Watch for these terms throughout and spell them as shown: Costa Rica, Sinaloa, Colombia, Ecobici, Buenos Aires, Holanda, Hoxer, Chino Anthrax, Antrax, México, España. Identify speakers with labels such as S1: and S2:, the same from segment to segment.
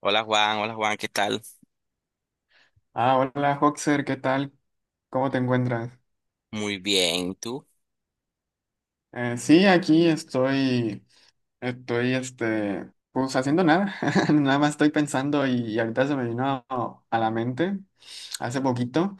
S1: Hola Juan, ¿qué tal?
S2: Ah, hola Hoxer, ¿qué tal? ¿Cómo te encuentras?
S1: Muy bien, ¿y tú?
S2: Sí, aquí estoy, pues haciendo nada, nada más estoy pensando y, ahorita se me vino a la mente hace poquito.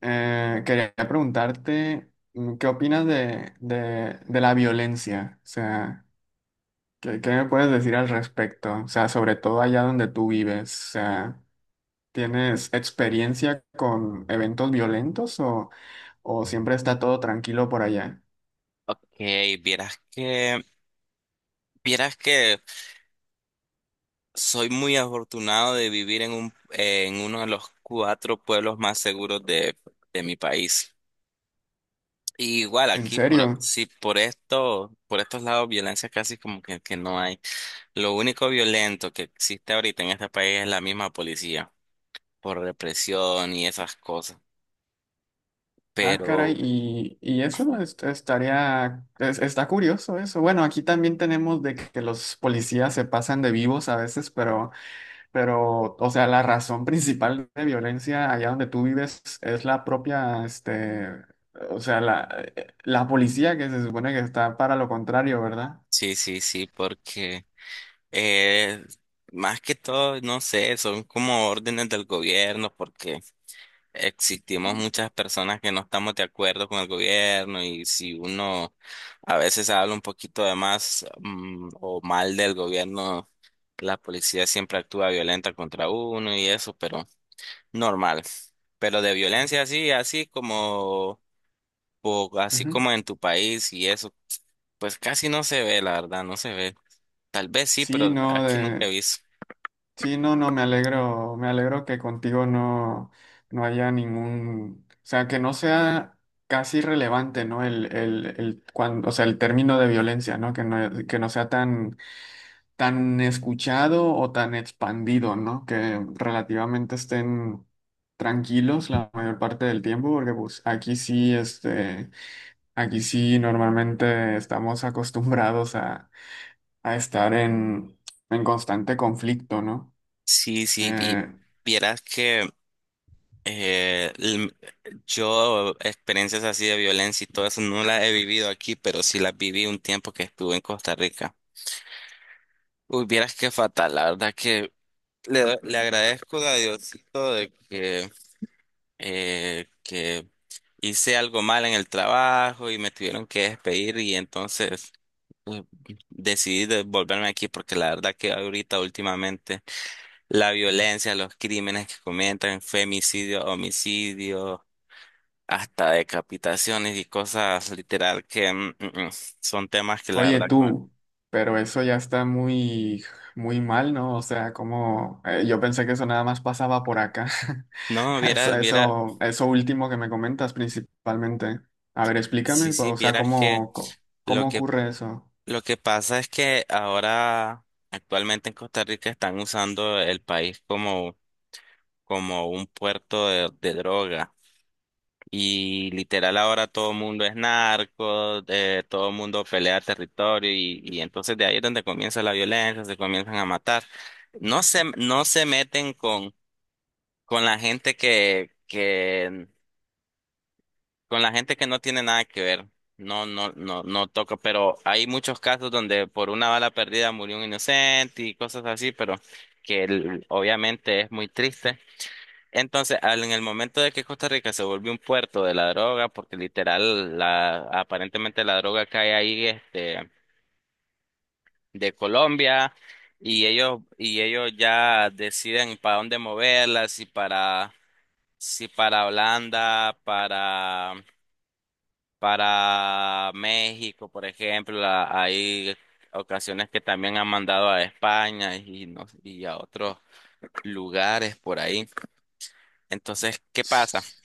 S2: Quería preguntarte, ¿qué opinas de la violencia? O sea, ¿qué me puedes decir al respecto? O sea, sobre todo allá donde tú vives, o sea, ¿tienes experiencia con eventos violentos o... ¿O siempre está todo tranquilo por allá?
S1: Ok, vieras que, vieras que soy muy afortunado de vivir en en uno de los cuatro pueblos más seguros de mi país. Y igual
S2: ¿En
S1: aquí,
S2: serio?
S1: sí, por esto, por estos lados, violencia casi como que no hay. Lo único violento que existe ahorita en este país es la misma policía, por represión y esas cosas.
S2: Ah, caray,
S1: Pero
S2: y, estaría, está curioso eso. Bueno, aquí también tenemos de que los policías se pasan de vivos a veces, pero, o sea, la razón principal de violencia allá donde tú vives es la propia, este, o sea, la, la policía que se supone que está para lo contrario, ¿verdad?
S1: sí, sí, sí, porque Eh, más que todo, no sé, son como órdenes del gobierno porque existimos muchas personas que no estamos de acuerdo con el gobierno y si uno a veces habla un poquito de más, o mal del gobierno, la policía siempre actúa violenta contra uno y eso, pero normal. Pero de violencia así como, o así
S2: Ujú.
S1: como en tu país y eso, pues casi no se ve, la verdad, no se ve. Tal vez sí,
S2: Sí,
S1: pero
S2: no,
S1: aquí nunca he
S2: de,
S1: visto.
S2: Sí, no, no, me alegro que contigo no, no haya ningún, o sea, que no sea casi relevante, ¿no? El cuando, o sea, el término de violencia, ¿no? Que no, que no sea tan, tan escuchado o tan expandido, ¿no? Que relativamente estén tranquilos la mayor parte del tiempo, porque pues aquí sí, este, aquí sí normalmente estamos acostumbrados a estar en constante conflicto, ¿no?
S1: Sí, sí, y
S2: Eh,
S1: vieras que eh, l- yo experiencias así de violencia y todo eso no las he vivido aquí, pero sí las viví un tiempo que estuve en Costa Rica. Uy, vieras qué fatal, la verdad que le agradezco a Diosito de que hice algo mal en el trabajo y me tuvieron que despedir y entonces eh, volverme aquí porque la verdad que ahorita últimamente la violencia, los crímenes que cometen, femicidio, homicidio, hasta decapitaciones y cosas literal que, son temas que la
S2: Oye
S1: verdad que
S2: tú, pero eso ya está muy, muy mal, ¿no? O sea, como yo pensé que eso nada más pasaba por acá.
S1: no,
S2: Eso,
S1: vieras, viera,
S2: eso, eso último que me comentas principalmente. A ver,
S1: sí,
S2: explícame, pues,
S1: sí,
S2: o sea,
S1: vieras que lo
S2: cómo
S1: que
S2: ocurre eso.
S1: lo que pasa es que ahora actualmente en Costa Rica están usando el país como como un puerto de droga. Y literal ahora todo el mundo es narco, todo el mundo pelea territorio y entonces de ahí es donde comienza la violencia, se comienzan a matar. No se meten con la gente con la gente que no tiene nada que ver. No, no toca, pero hay muchos casos donde por una bala perdida murió un inocente y cosas así, pero obviamente es muy triste. Entonces, en el momento de que Costa Rica se volvió un puerto de la droga, porque literal, aparentemente la droga cae ahí, este, de Colombia, y ellos ya deciden para dónde moverla, si para Holanda, para México, por ejemplo, hay ocasiones que también han mandado a España y, no- y a otros lugares por ahí. Entonces, ¿qué pasa?
S2: S-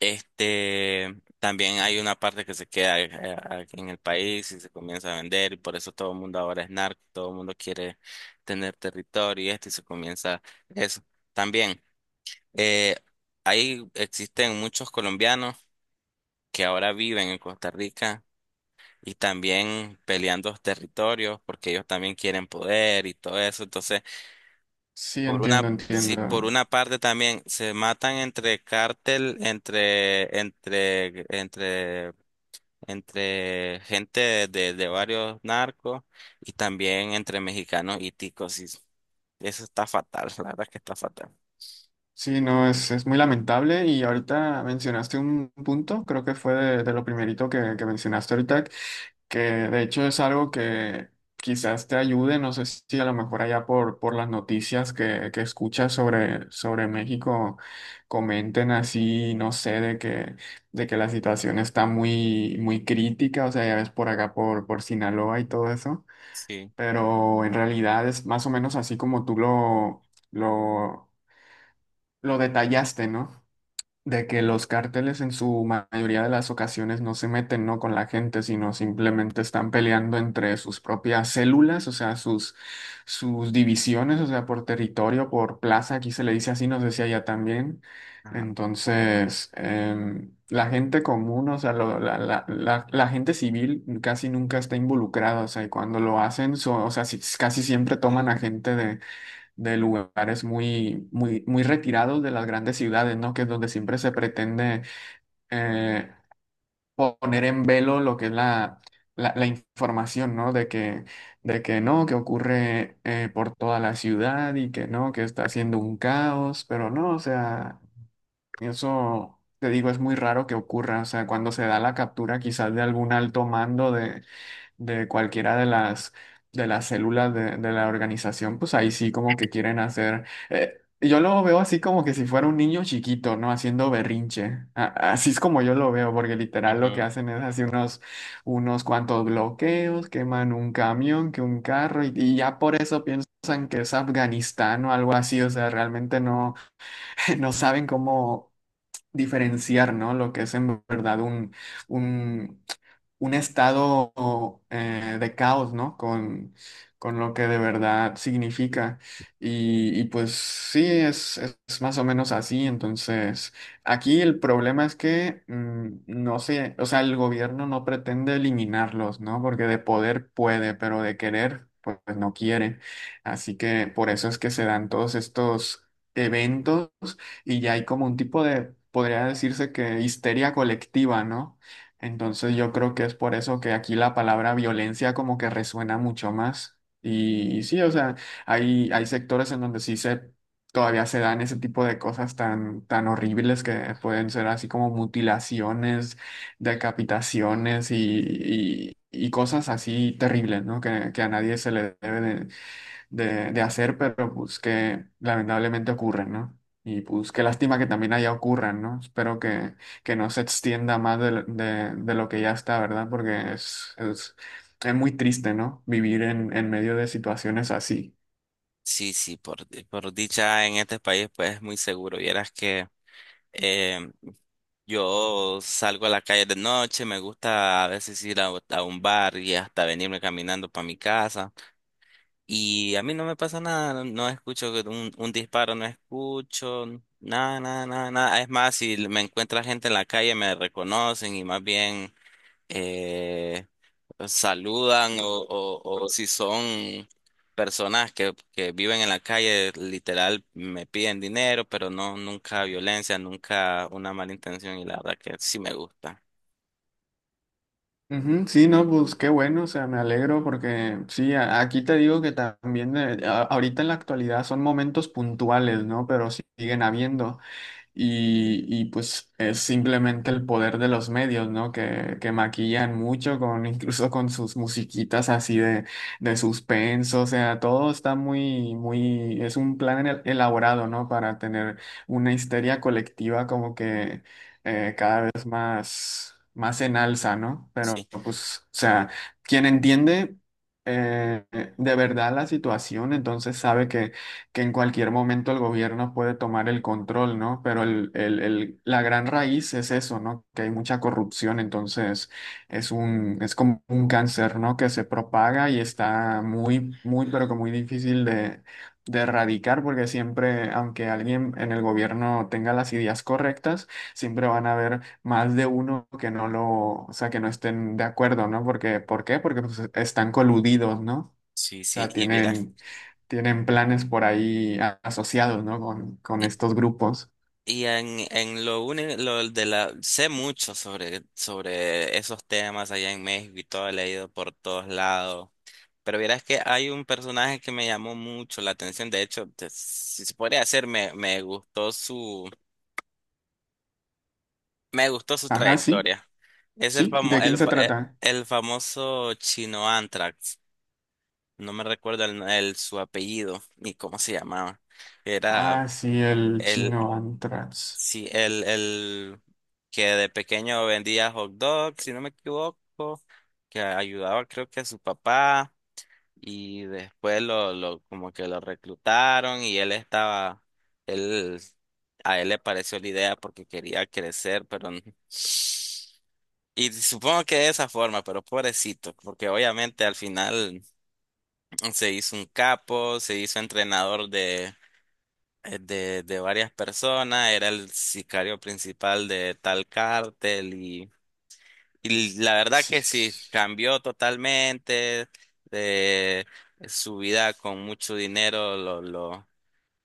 S1: Este, también hay una parte que se queda aquí en el país y se comienza a vender y por eso todo el mundo ahora es narco, todo el mundo quiere tener territorio y esto y se comienza eso. También, eh, ahí existen muchos colombianos que ahora viven en Costa Rica y también peleando los territorios porque ellos también quieren poder y todo eso. Entonces,
S2: Sí,
S1: por una,
S2: entiendo,
S1: sí, por
S2: entiendo.
S1: una parte también se matan entre cártel, entre gente de varios narcos y también entre mexicanos y ticos. Y eso está fatal, la verdad es que está fatal.
S2: Sí, no, es muy lamentable y ahorita mencionaste un punto, creo que fue de lo primerito que mencionaste ahorita, que de hecho es algo que quizás te ayude, no sé si a lo mejor allá por las noticias que escuchas sobre, sobre México comenten así, no sé, de que la situación está muy, muy crítica, o sea, ya ves por acá por Sinaloa y todo eso,
S1: Sí.
S2: pero en realidad es más o menos así como tú lo, lo detallaste, ¿no? De que los cárteles en su mayoría de las ocasiones no se meten, ¿no? con la gente, sino simplemente están peleando entre sus propias células, o sea, sus, sus divisiones, o sea, por territorio, por plaza, aquí se le dice así, no sé si allá también.
S1: Ajá.
S2: Entonces, la gente común, o sea, la gente civil casi nunca está involucrada, o sea, y cuando lo hacen, o sea, casi siempre toman a gente de lugares muy, muy, muy retirados de las grandes ciudades, ¿no? Que es donde siempre se pretende eh, poner en velo lo que es la, la, la información, ¿no? De que no, que ocurre por toda la ciudad y que no, que está haciendo un caos, pero no, o sea, eso... Te digo, es muy raro que ocurra, o sea, cuando se da la captura quizás de algún alto mando de cualquiera de las células de la organización, pues ahí sí como que quieren hacer... yo lo veo así como que si fuera un niño chiquito, ¿no? Haciendo berrinche. Así es como yo lo veo, porque literal lo que
S1: Ujú.
S2: hacen es así unos, unos cuantos bloqueos, queman un camión, que un carro, y ya por eso piensan que es Afganistán o algo así, o sea, realmente no, no saben cómo diferenciar, ¿no? Lo que es en verdad un, un estado de caos, ¿no? Con lo que de verdad significa. Y pues sí, es más o menos así. Entonces, aquí el problema es que no sé, o sea, el gobierno no pretende eliminarlos, ¿no? Porque de poder puede, pero de querer, pues no quiere. Así que por eso es que se dan todos estos eventos y ya hay como un tipo de, podría decirse que histeria colectiva, ¿no? Entonces yo creo que es por eso que aquí la palabra violencia como que resuena mucho más. Y sí, o sea, hay sectores en donde sí se todavía se dan ese tipo de cosas tan, tan horribles que pueden ser así como mutilaciones, decapitaciones y, y cosas así terribles, ¿no? Que a nadie se le debe de hacer, pero pues que lamentablemente ocurren, ¿no? Y pues qué lástima que también allá ocurran, ¿no? Espero que no se extienda más de, de lo que ya está, ¿verdad? Porque es muy triste, ¿no? Vivir en medio de situaciones así.
S1: Sí, sí, por dicha en este país pues es muy seguro. Vieras que eh, yo salgo a la calle de noche, me gusta a veces ir a un bar y hasta venirme caminando para mi casa. Y a mí no me pasa nada, no, no escucho que un disparo, no escucho nada, nada, nada, nada. Es más, si me encuentra gente en la calle, me reconocen y más bien eh, saludan o si son personas que viven en la calle, literal, me piden dinero, pero no, nunca violencia, nunca una mala intención y la verdad que sí me gusta.
S2: Ujú, sí, no, pues qué bueno, o sea, me alegro porque sí, aquí te digo que también ahorita en la actualidad son momentos puntuales, ¿no? Pero siguen habiendo. Y, pues es simplemente el poder de los medios, ¿no? Que maquillan mucho con, incluso con sus musiquitas así de suspenso. O sea, todo está muy, muy, es un plan elaborado, ¿no? Para tener una histeria colectiva como que cada vez más, más en alza, ¿no?
S1: Sí,
S2: Pero pues, o sea, quien entiende eh, de verdad la situación, entonces sabe que en cualquier momento el gobierno puede tomar el control, ¿no? Pero la gran raíz es eso, ¿no? Que hay mucha corrupción, entonces es un, es como un cáncer, ¿no? Que se propaga y está muy, muy, pero que muy difícil de erradicar, porque siempre, aunque alguien en el gobierno tenga las ideas correctas, siempre van a haber más de uno que no lo, o sea, que no estén de acuerdo, ¿no? Porque, ¿por qué? Porque pues, están coludidos, ¿no? O
S1: sí, sí.
S2: sea,
S1: Y vieras.
S2: tienen, tienen planes por ahí asociados, ¿no? Con estos grupos.
S1: Y en lo único, lo de la, sé mucho sobre, sobre esos temas allá en México y todo, he leído por todos lados. Pero verás que hay un personaje que me llamó mucho la atención. De hecho, si se podría hacer, me gustó me gustó su
S2: Ajá, sí,
S1: trayectoria. Es el
S2: sí. ¿De quién se trata?
S1: el famoso Chino Anthrax. No me recuerdo su apellido ni cómo se llamaba. Era
S2: Ah, sí, el
S1: el,
S2: chino Antrax.
S1: sí, el que de pequeño vendía hot dogs, si no me equivoco, que ayudaba creo que a su papá y después lo como que lo reclutaron y él él, a él le pareció la idea porque quería crecer, y supongo que de esa forma, pero pobrecito, porque obviamente al final se hizo un capo, se hizo entrenador de varias personas, era el sicario principal de tal cártel y la verdad
S2: Sí,
S1: que
S2: sí.
S1: sí,
S2: Sí.
S1: cambió totalmente de su vida con mucho dinero,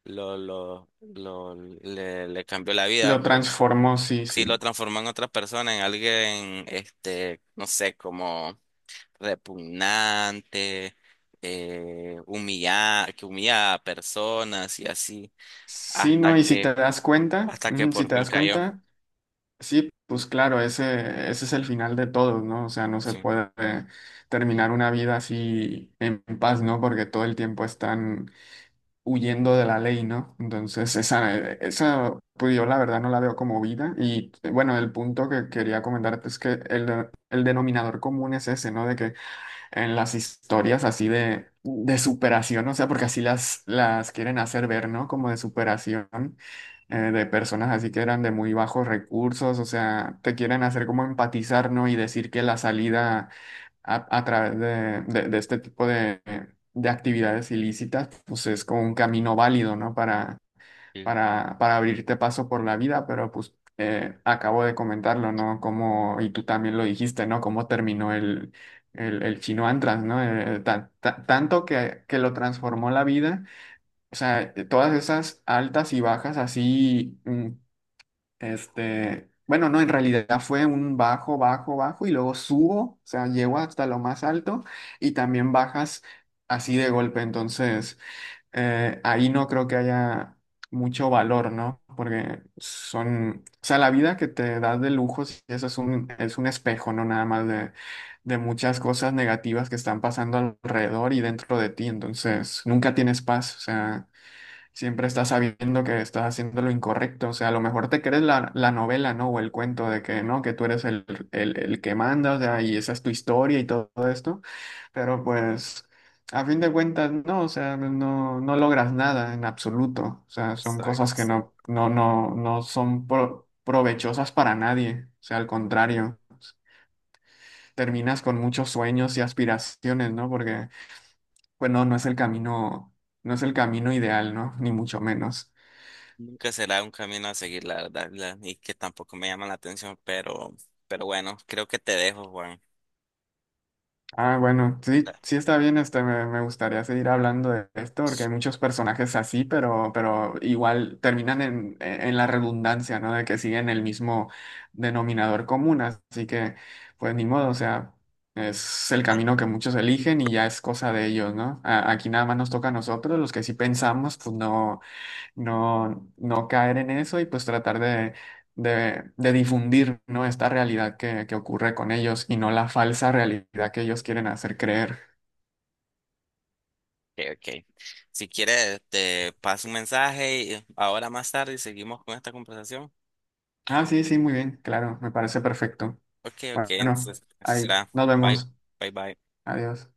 S1: lo, lo, lo- le cambió la vida
S2: Lo
S1: porque
S2: transformó, sí,
S1: sí lo
S2: sí.
S1: transformó en otra persona, en alguien, este, no sé, como repugnante. Que humillaba a personas y así
S2: Sí, no,
S1: hasta
S2: y si te das cuenta,
S1: que
S2: si
S1: por
S2: te
S1: fin
S2: das
S1: cayó.
S2: cuenta, sí, pues claro, ese es el final de todos, ¿no? O sea, no se
S1: Sí.
S2: puede terminar una vida así en paz, ¿no? Porque todo el tiempo están huyendo de la ley, ¿no? Entonces, esa, esa, pues yo la verdad no la veo como vida. Y bueno, el punto que quería comentarte es que el denominador común es ese, ¿no? De que en las historias así de superación, o sea, porque así las quieren hacer ver, ¿no? Como de superación de personas así que eran de muy bajos recursos, o sea, te quieren hacer como empatizar, ¿no? Y decir que la salida a través de, de este tipo de actividades ilícitas, pues es como un camino válido, ¿no? Para
S1: Sí.
S2: para abrirte paso por la vida, pero pues acabo de comentarlo, ¿no? Como, y tú también lo dijiste, ¿no? Cómo terminó el chino Antras, ¿no? Tanto que lo transformó la vida, o sea, todas esas altas y bajas así, este, bueno, no, en realidad fue un bajo, bajo, bajo, y luego subo, o sea, llego hasta lo más alto y también bajas así de golpe, entonces ahí no creo que haya mucho valor, ¿no? Porque son, o sea, la vida que te da de lujos, eso es un espejo, ¿no? Nada más de muchas cosas negativas que están pasando alrededor y dentro de ti, entonces nunca tienes paz, o sea, siempre estás sabiendo que estás haciendo lo incorrecto, o sea, a lo mejor te crees la, la novela, ¿no? O el cuento de que, ¿no? Que tú eres el que manda, o sea, y esa es tu historia y todo esto pero pues, a fin de cuentas, no, o sea, no, no logras nada en absoluto. O sea, son
S1: Exacto,
S2: cosas que
S1: sí.
S2: no, no, no, no son provechosas para nadie. O sea, al contrario, terminas con muchos sueños y aspiraciones, ¿no? Porque, pues no, no es el camino, no es el camino ideal, ¿no? Ni mucho menos.
S1: Nunca será un camino a seguir, la verdad, y que tampoco me llama la atención, pero bueno, creo que te dejo, Juan.
S2: Ah, bueno, sí, sí está bien, este, me gustaría seguir hablando de esto porque hay muchos personajes así, pero igual terminan en, e, en la redundancia, ¿no? De que siguen el mismo denominador común, así que pues ni modo, o sea, es el
S1: Ah, no.
S2: camino que muchos eligen y ya es cosa de ellos, ¿no? Aquí nada más nos toca a nosotros, los que sí pensamos, pues no no, no caer en eso y pues tratar de difundir, ¿no? Esta realidad que ocurre con ellos y no la falsa realidad que ellos quieren hacer creer.
S1: Ok, ok. Si quieres, te paso un mensaje y ahora más tarde seguimos con esta conversación.
S2: Ah, sí, sí, muy bien, claro, me parece perfecto.
S1: Ok, ok,
S2: Bueno,
S1: entonces así
S2: ahí
S1: será.
S2: nos
S1: Bye,
S2: vemos.
S1: bye, bye.
S2: Adiós.